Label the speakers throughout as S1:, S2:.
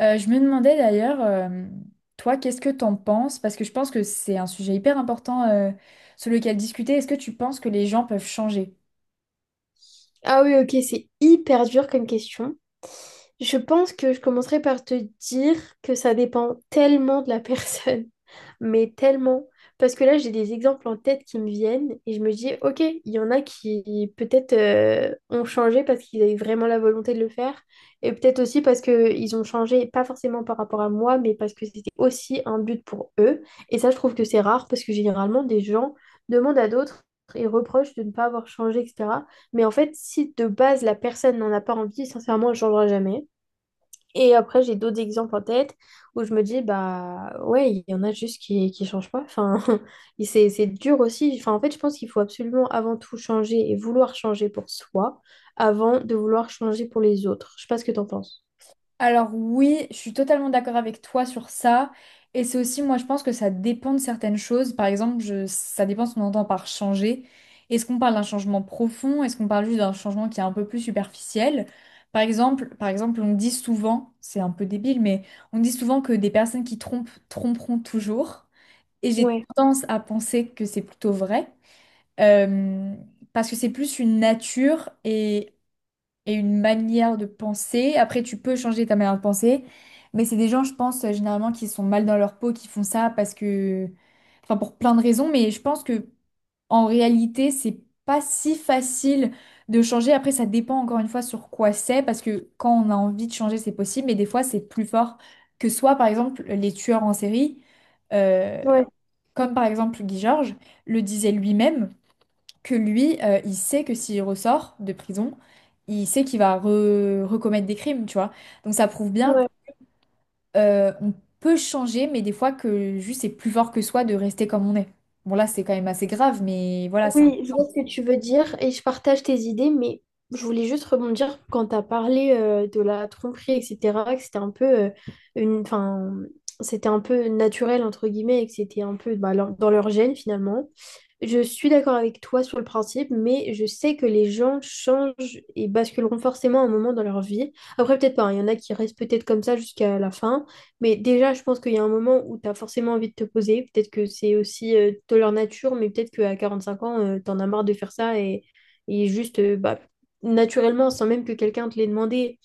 S1: Je me demandais d'ailleurs, toi, qu'est-ce que t'en penses? Parce que je pense que c'est un sujet hyper important sur lequel discuter. Est-ce que tu penses que les gens peuvent changer?
S2: Ah oui, ok, c'est hyper dur comme question. Je pense que je commencerai par te dire que ça dépend tellement de la personne, mais tellement. Parce que là, j'ai des exemples en tête qui me viennent et je me dis, ok, il y en a qui peut-être ont changé parce qu'ils avaient vraiment la volonté de le faire, et peut-être aussi parce qu'ils ont changé, pas forcément par rapport à moi, mais parce que c'était aussi un but pour eux. Et ça, je trouve que c'est rare parce que généralement, des gens demandent à d'autres et reprochent de ne pas avoir changé, etc. Mais en fait, si de base la personne n'en a pas envie, sincèrement, elle ne changera jamais. Et après, j'ai d'autres exemples en tête où je me dis, bah ouais, il y en a juste qui changent pas. Enfin, et c'est dur aussi. Enfin, en fait, je pense qu'il faut absolument avant tout changer et vouloir changer pour soi avant de vouloir changer pour les autres. Je sais pas ce que t'en penses.
S1: Alors oui, je suis totalement d'accord avec toi sur ça. Et c'est aussi, moi, je pense que ça dépend de certaines choses. Par exemple, ça dépend ce qu'on entend par changer. Est-ce qu'on parle d'un changement profond? Est-ce qu'on parle juste d'un changement qui est un peu plus superficiel? Par exemple, on dit souvent, c'est un peu débile, mais on dit souvent que des personnes qui trompent tromperont toujours. Et j'ai
S2: Ouais,
S1: tendance à penser que c'est plutôt vrai, euh, parce que c'est plus une nature et une manière de penser. Après, tu peux changer ta manière de penser, mais c'est des gens, je pense, généralement qui sont mal dans leur peau, qui font ça parce que, enfin, pour plein de raisons, mais je pense que en réalité, c'est pas si facile de changer. Après, ça dépend encore une fois sur quoi c'est, parce que quand on a envie de changer, c'est possible, mais des fois, c'est plus fort que soit, par exemple, les tueurs en série. euh,
S2: ouais,
S1: Comme par exemple Guy Georges le disait lui-même que lui, il sait que s'il ressort de prison, il sait qu'il va recommettre des crimes, tu vois. Donc ça prouve bien
S2: ouais.
S1: qu'on peut changer, mais des fois que juste c'est plus fort que soi de rester comme on est. Bon là, c'est quand même assez grave, mais voilà ça.
S2: Oui, je vois ce que tu veux dire et je partage tes idées, mais je voulais juste rebondir quand tu as parlé de la tromperie, etc., que c'était un peu une, enfin, c'était un peu naturel entre guillemets et que c'était un peu bah, leur- dans leur gène finalement. Je suis d'accord avec toi sur le principe, mais je sais que les gens changent et basculeront forcément un moment dans leur vie. Après, peut-être pas, hein, il y en a qui restent peut-être comme ça jusqu'à la fin, mais déjà, je pense qu'il y a un moment où tu as forcément envie de te poser. Peut-être que c'est aussi de leur nature, mais peut-être qu'à 5 ans, tu en as marre de faire ça et juste, bah, naturellement, sans même que quelqu'un te l'ait demandé,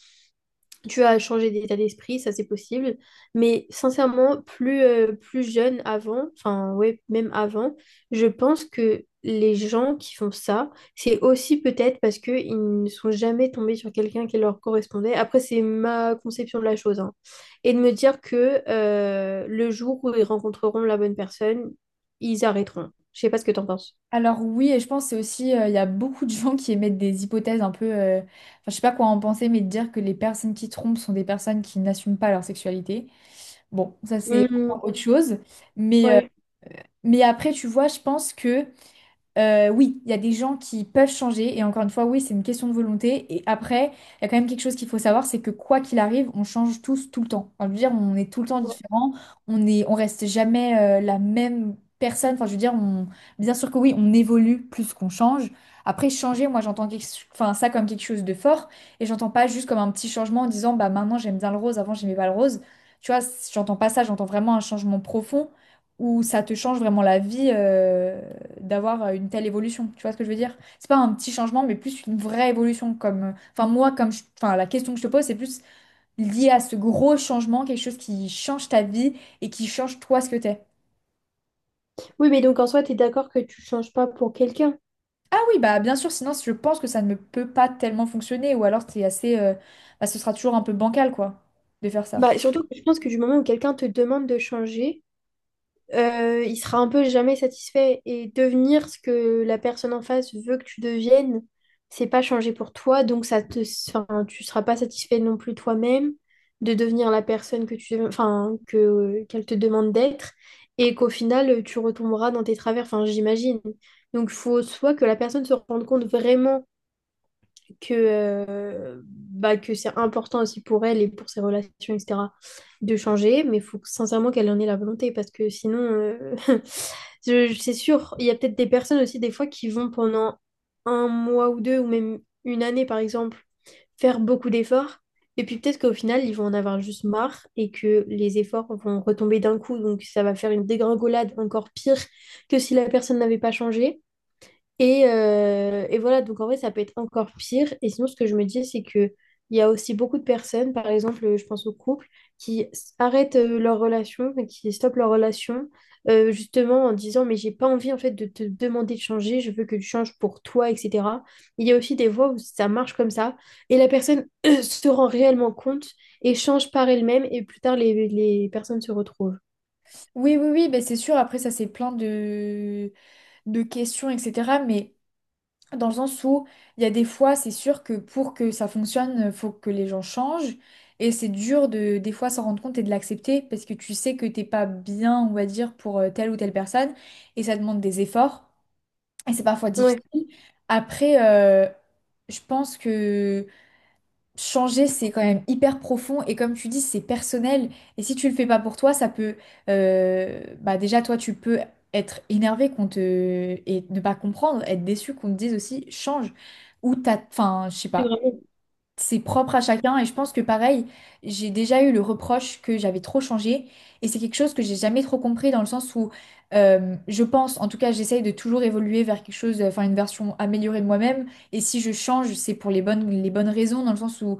S2: tu as changé d'état d'esprit, ça c'est possible. Mais sincèrement, plus, plus jeune avant, enfin ouais, même avant, je pense que les gens qui font ça, c'est aussi peut-être parce qu'ils ne sont jamais tombés sur quelqu'un qui leur correspondait. Après, c'est ma conception de la chose, hein. Et de me dire que le jour où ils rencontreront la bonne personne, ils arrêteront. Je sais pas ce que t'en penses.
S1: Alors oui, et je pense que c'est aussi, il y a beaucoup de gens qui émettent des hypothèses un peu, enfin, je sais pas quoi en penser, mais de dire que les personnes qui trompent sont des personnes qui n'assument pas leur sexualité. Bon, ça c'est
S2: Mhm,
S1: autre chose. Mais
S2: ouais.
S1: mais après, tu vois, je pense que oui, il y a des gens qui peuvent changer. Et encore une fois, oui, c'est une question de volonté. Et après, il y a quand même quelque chose qu'il faut savoir, c'est que quoi qu'il arrive, on change tous tout le temps. Enfin, je veux dire, on est tout le temps différent. On est, on reste jamais la même personne. Enfin, je veux dire, on, bien sûr que oui, on évolue plus qu'on change. Après, changer, moi, enfin, ça comme quelque chose de fort. Et j'entends pas juste comme un petit changement en disant, bah maintenant j'aime bien le rose, avant j'aimais pas le rose. Tu vois, j'entends pas ça. J'entends vraiment un changement profond où ça te change vraiment la vie d'avoir une telle évolution. Tu vois ce que je veux dire? C'est pas un petit changement, mais plus une vraie évolution. Comme, enfin moi, enfin la question que je te pose, c'est plus lié à ce gros changement, quelque chose qui change ta vie et qui change toi ce que t'es.
S2: Oui, mais donc en soi, tu es d'accord que tu changes pas pour quelqu'un.
S1: Ah oui, bah bien sûr. Sinon, je pense que ça ne peut pas tellement fonctionner, ou alors c'est assez, bah, ce sera toujours un peu bancal quoi, de faire ça.
S2: Bah, surtout, que je pense que du moment où quelqu'un te demande de changer, il sera un peu jamais satisfait. Et devenir ce que la personne en face veut que tu deviennes, c'est pas changer pour toi. Donc, ça te, enfin, tu seras pas satisfait non plus toi-même de devenir la personne que tu, enfin, que, qu'elle te demande d'être. Et qu'au final, tu retomberas dans tes travers. Enfin, j'imagine. Donc, faut soit que la personne se rende compte vraiment que, bah, que c'est important aussi pour elle et pour ses relations, etc., de changer, mais il faut que- sincèrement qu'elle en ait la volonté, parce que sinon, c'est sûr, il y a peut-être des personnes aussi, des fois, qui vont pendant 1 mois ou deux, ou même 1 année, par exemple, faire beaucoup d'efforts, et puis peut-être qu'au final, ils vont en avoir juste marre, et que les efforts vont retomber d'un coup, donc ça va faire une dégringolade encore pire que si la personne n'avait pas changé. Et voilà, donc en vrai, ça peut être encore pire. Et sinon, ce que je me dis, c'est que il y a aussi beaucoup de personnes, par exemple, je pense aux couples, qui s- arrêtent leur relation, mais qui stoppent leur relation, justement en disant, mais j'ai pas envie en fait de te demander de changer, je veux que tu changes pour toi, etc. Il y a aussi des fois où ça marche comme ça, et la personne se rend réellement compte et change par elle-même, et plus tard, les personnes se retrouvent.
S1: Oui, oui, oui, mais c'est sûr. Après, ça c'est plein de questions, etc. Mais dans le sens où il y a des fois, c'est sûr que pour que ça fonctionne, faut que les gens changent. Et c'est dur de des fois s'en rendre compte et de l'accepter parce que tu sais que t'es pas bien, on va dire, pour telle ou telle personne. Et ça demande des efforts. Et c'est parfois
S2: Ouais,
S1: difficile. Après, euh, je pense que changer, c'est quand même hyper profond et comme tu dis, c'est personnel. Et si tu le fais pas pour toi, ça peut, bah déjà toi, tu peux être énervé qu'on te et ne pas comprendre, être déçu qu'on te dise aussi change ou t'as, enfin, je sais
S2: c'est
S1: pas
S2: vraiment.
S1: c'est propre à chacun et je pense que pareil, j'ai déjà eu le reproche que j'avais trop changé et c'est quelque chose que j'ai jamais trop compris dans le sens où je pense, en tout cas j'essaye de toujours évoluer vers quelque chose, enfin une version améliorée de moi-même et si je change c'est pour les bonnes raisons dans le sens où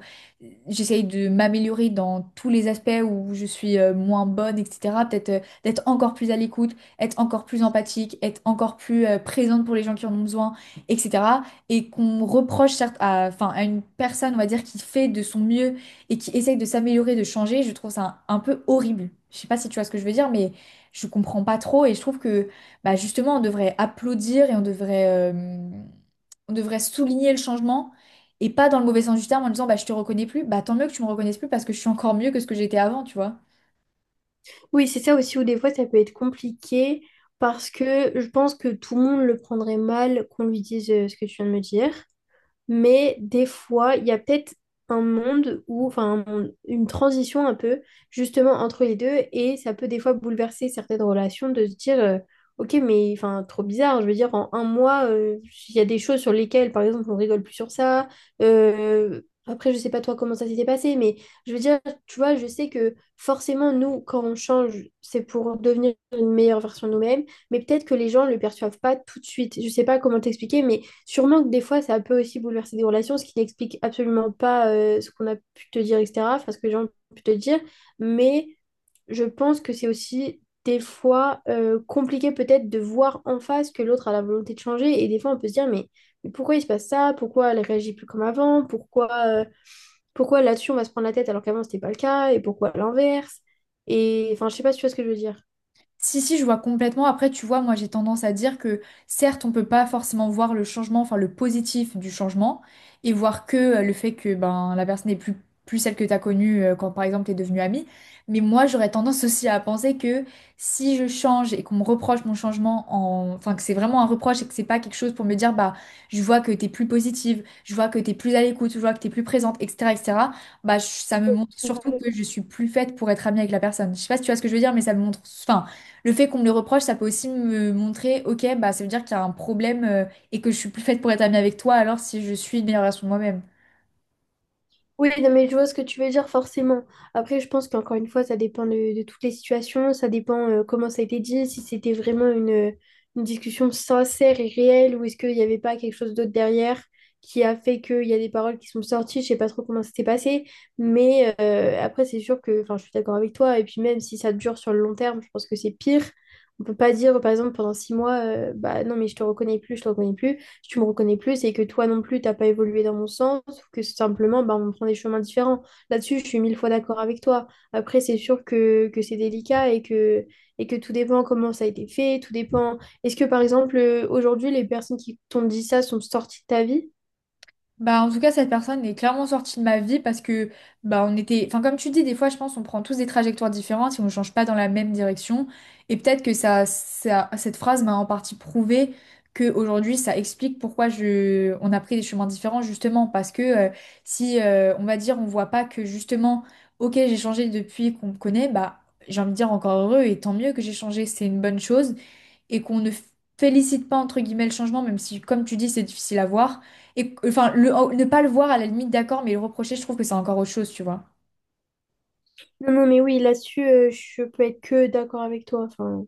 S1: j'essaye de m'améliorer dans tous les aspects où je suis moins bonne, etc. Peut-être d'être encore plus à l'écoute, être encore plus empathique, être encore plus présente pour les gens qui en ont besoin, etc et qu'on reproche certes à, enfin, à une personne, on va dire, qui fait de son mieux et qui essaye de s'améliorer, de changer, je trouve ça un peu horrible. Je sais pas si tu vois ce que je veux dire, mais je comprends pas trop et je trouve que bah, justement, on devrait applaudir et euh, on devrait souligner le changement et pas dans le mauvais sens du terme en disant bah, je te reconnais plus, bah tant mieux que tu me reconnaisses plus parce que je suis encore mieux que ce que j'étais avant, tu vois.
S2: Oui, c'est ça aussi où des fois ça peut être compliqué parce que je pense que tout le monde le prendrait mal qu'on lui dise ce que tu viens de me dire. Mais des fois, il y a peut-être un monde où, enfin, un monde- une transition un peu, justement, entre les deux, et ça peut des fois bouleverser certaines relations de se dire, ok, mais enfin, trop bizarre, je veux dire, en 1 mois, il y a des choses sur lesquelles, par exemple, on rigole plus sur ça. Euh, après, je sais pas toi comment ça s'était passé, mais je veux dire, tu vois, je sais que forcément, nous, quand on change, c'est pour devenir une meilleure version de nous-mêmes, mais peut-être que les gens le perçoivent pas tout de suite. Je sais pas comment t'expliquer, mais sûrement que des fois, ça peut aussi bouleverser des relations, ce qui n'explique absolument pas ce qu'on a pu te dire, etc., enfin, ce que les gens ont pu te dire. Mais je pense que c'est aussi des fois compliqué peut-être de voir en face que l'autre a la volonté de changer. Et des fois, on peut se dire, mais pourquoi il se passe ça? Pourquoi elle réagit plus comme avant? Pourquoi, pourquoi là-dessus, on va se prendre la tête alors qu'avant, c'était pas le cas? Et pourquoi à l'inverse? Et enfin, je sais pas si tu vois ce que je veux dire.
S1: Si, si, je vois complètement. Après, tu vois, moi, j'ai tendance à dire que certes, on peut pas forcément voir le changement, enfin le positif du changement, et voir que le fait que ben la personne n'est plus, plus celle que tu as connue quand, par exemple, tu es devenue amie. Mais moi, j'aurais tendance aussi à penser que si je change et qu'on me reproche mon changement, enfin que c'est vraiment un reproche et que c'est pas quelque chose pour me dire, bah, je vois que t'es plus positive, je vois que t'es plus à l'écoute, je vois que t'es plus présente, etc., etc., bah, ça me montre surtout que je suis plus faite pour être amie avec la personne. Je sais pas si tu vois ce que je veux dire, mais ça me montre... Enfin, le fait qu'on me le reproche, ça peut aussi me montrer, ok, bah ça veut dire qu'il y a un problème et que je suis plus faite pour être amie avec toi alors si je suis une meilleure version de moi-même.
S2: Oui, non, mais je vois ce que tu veux dire forcément. Après, je pense qu'encore une fois, ça dépend de toutes les situations, ça dépend comment ça a été dit, si c'était vraiment une discussion sincère et réelle ou est-ce qu'il n'y avait pas quelque chose d'autre derrière qui a fait qu'il y a des paroles qui sont sorties. Je sais pas trop comment ça s'est passé, mais après, c'est sûr que enfin, je suis d'accord avec toi. Et puis même si ça dure sur le long terme, je pense que c'est pire. On peut pas dire, par exemple, pendant 6 mois, bah non, mais je te reconnais plus, tu me reconnais plus et que toi non plus, t'as pas évolué dans mon sens, ou que simplement, bah, on prend des chemins différents. Là-dessus, je suis 1000 fois d'accord avec toi. Après, c'est sûr que c'est délicat et que tout dépend comment ça a été fait, tout dépend. Est-ce que, par exemple, aujourd'hui, les personnes qui t'ont dit ça sont sorties de ta vie?
S1: Bah, en tout cas, cette personne est clairement sortie de ma vie parce que, bah, on était, enfin, comme tu dis, des fois, je pense, on prend tous des trajectoires différentes et on ne change pas dans la même direction. Et peut-être que cette phrase m'a en partie prouvé que aujourd'hui, ça explique pourquoi je, on a pris des chemins différents, justement, parce que si, on va dire, on voit pas que justement, ok, j'ai changé depuis qu'on me connaît, bah, j'ai envie de dire encore heureux et tant mieux que j'ai changé, c'est une bonne chose et qu'on ne félicite pas entre guillemets le changement, même si, comme tu dis, c'est difficile à voir. Et enfin, le, ne pas le voir à la limite, d'accord, mais le reprocher, je trouve que c'est encore autre chose, tu vois.
S2: Non, non, mais oui, là-dessus, je peux être que d'accord avec toi. Enfin,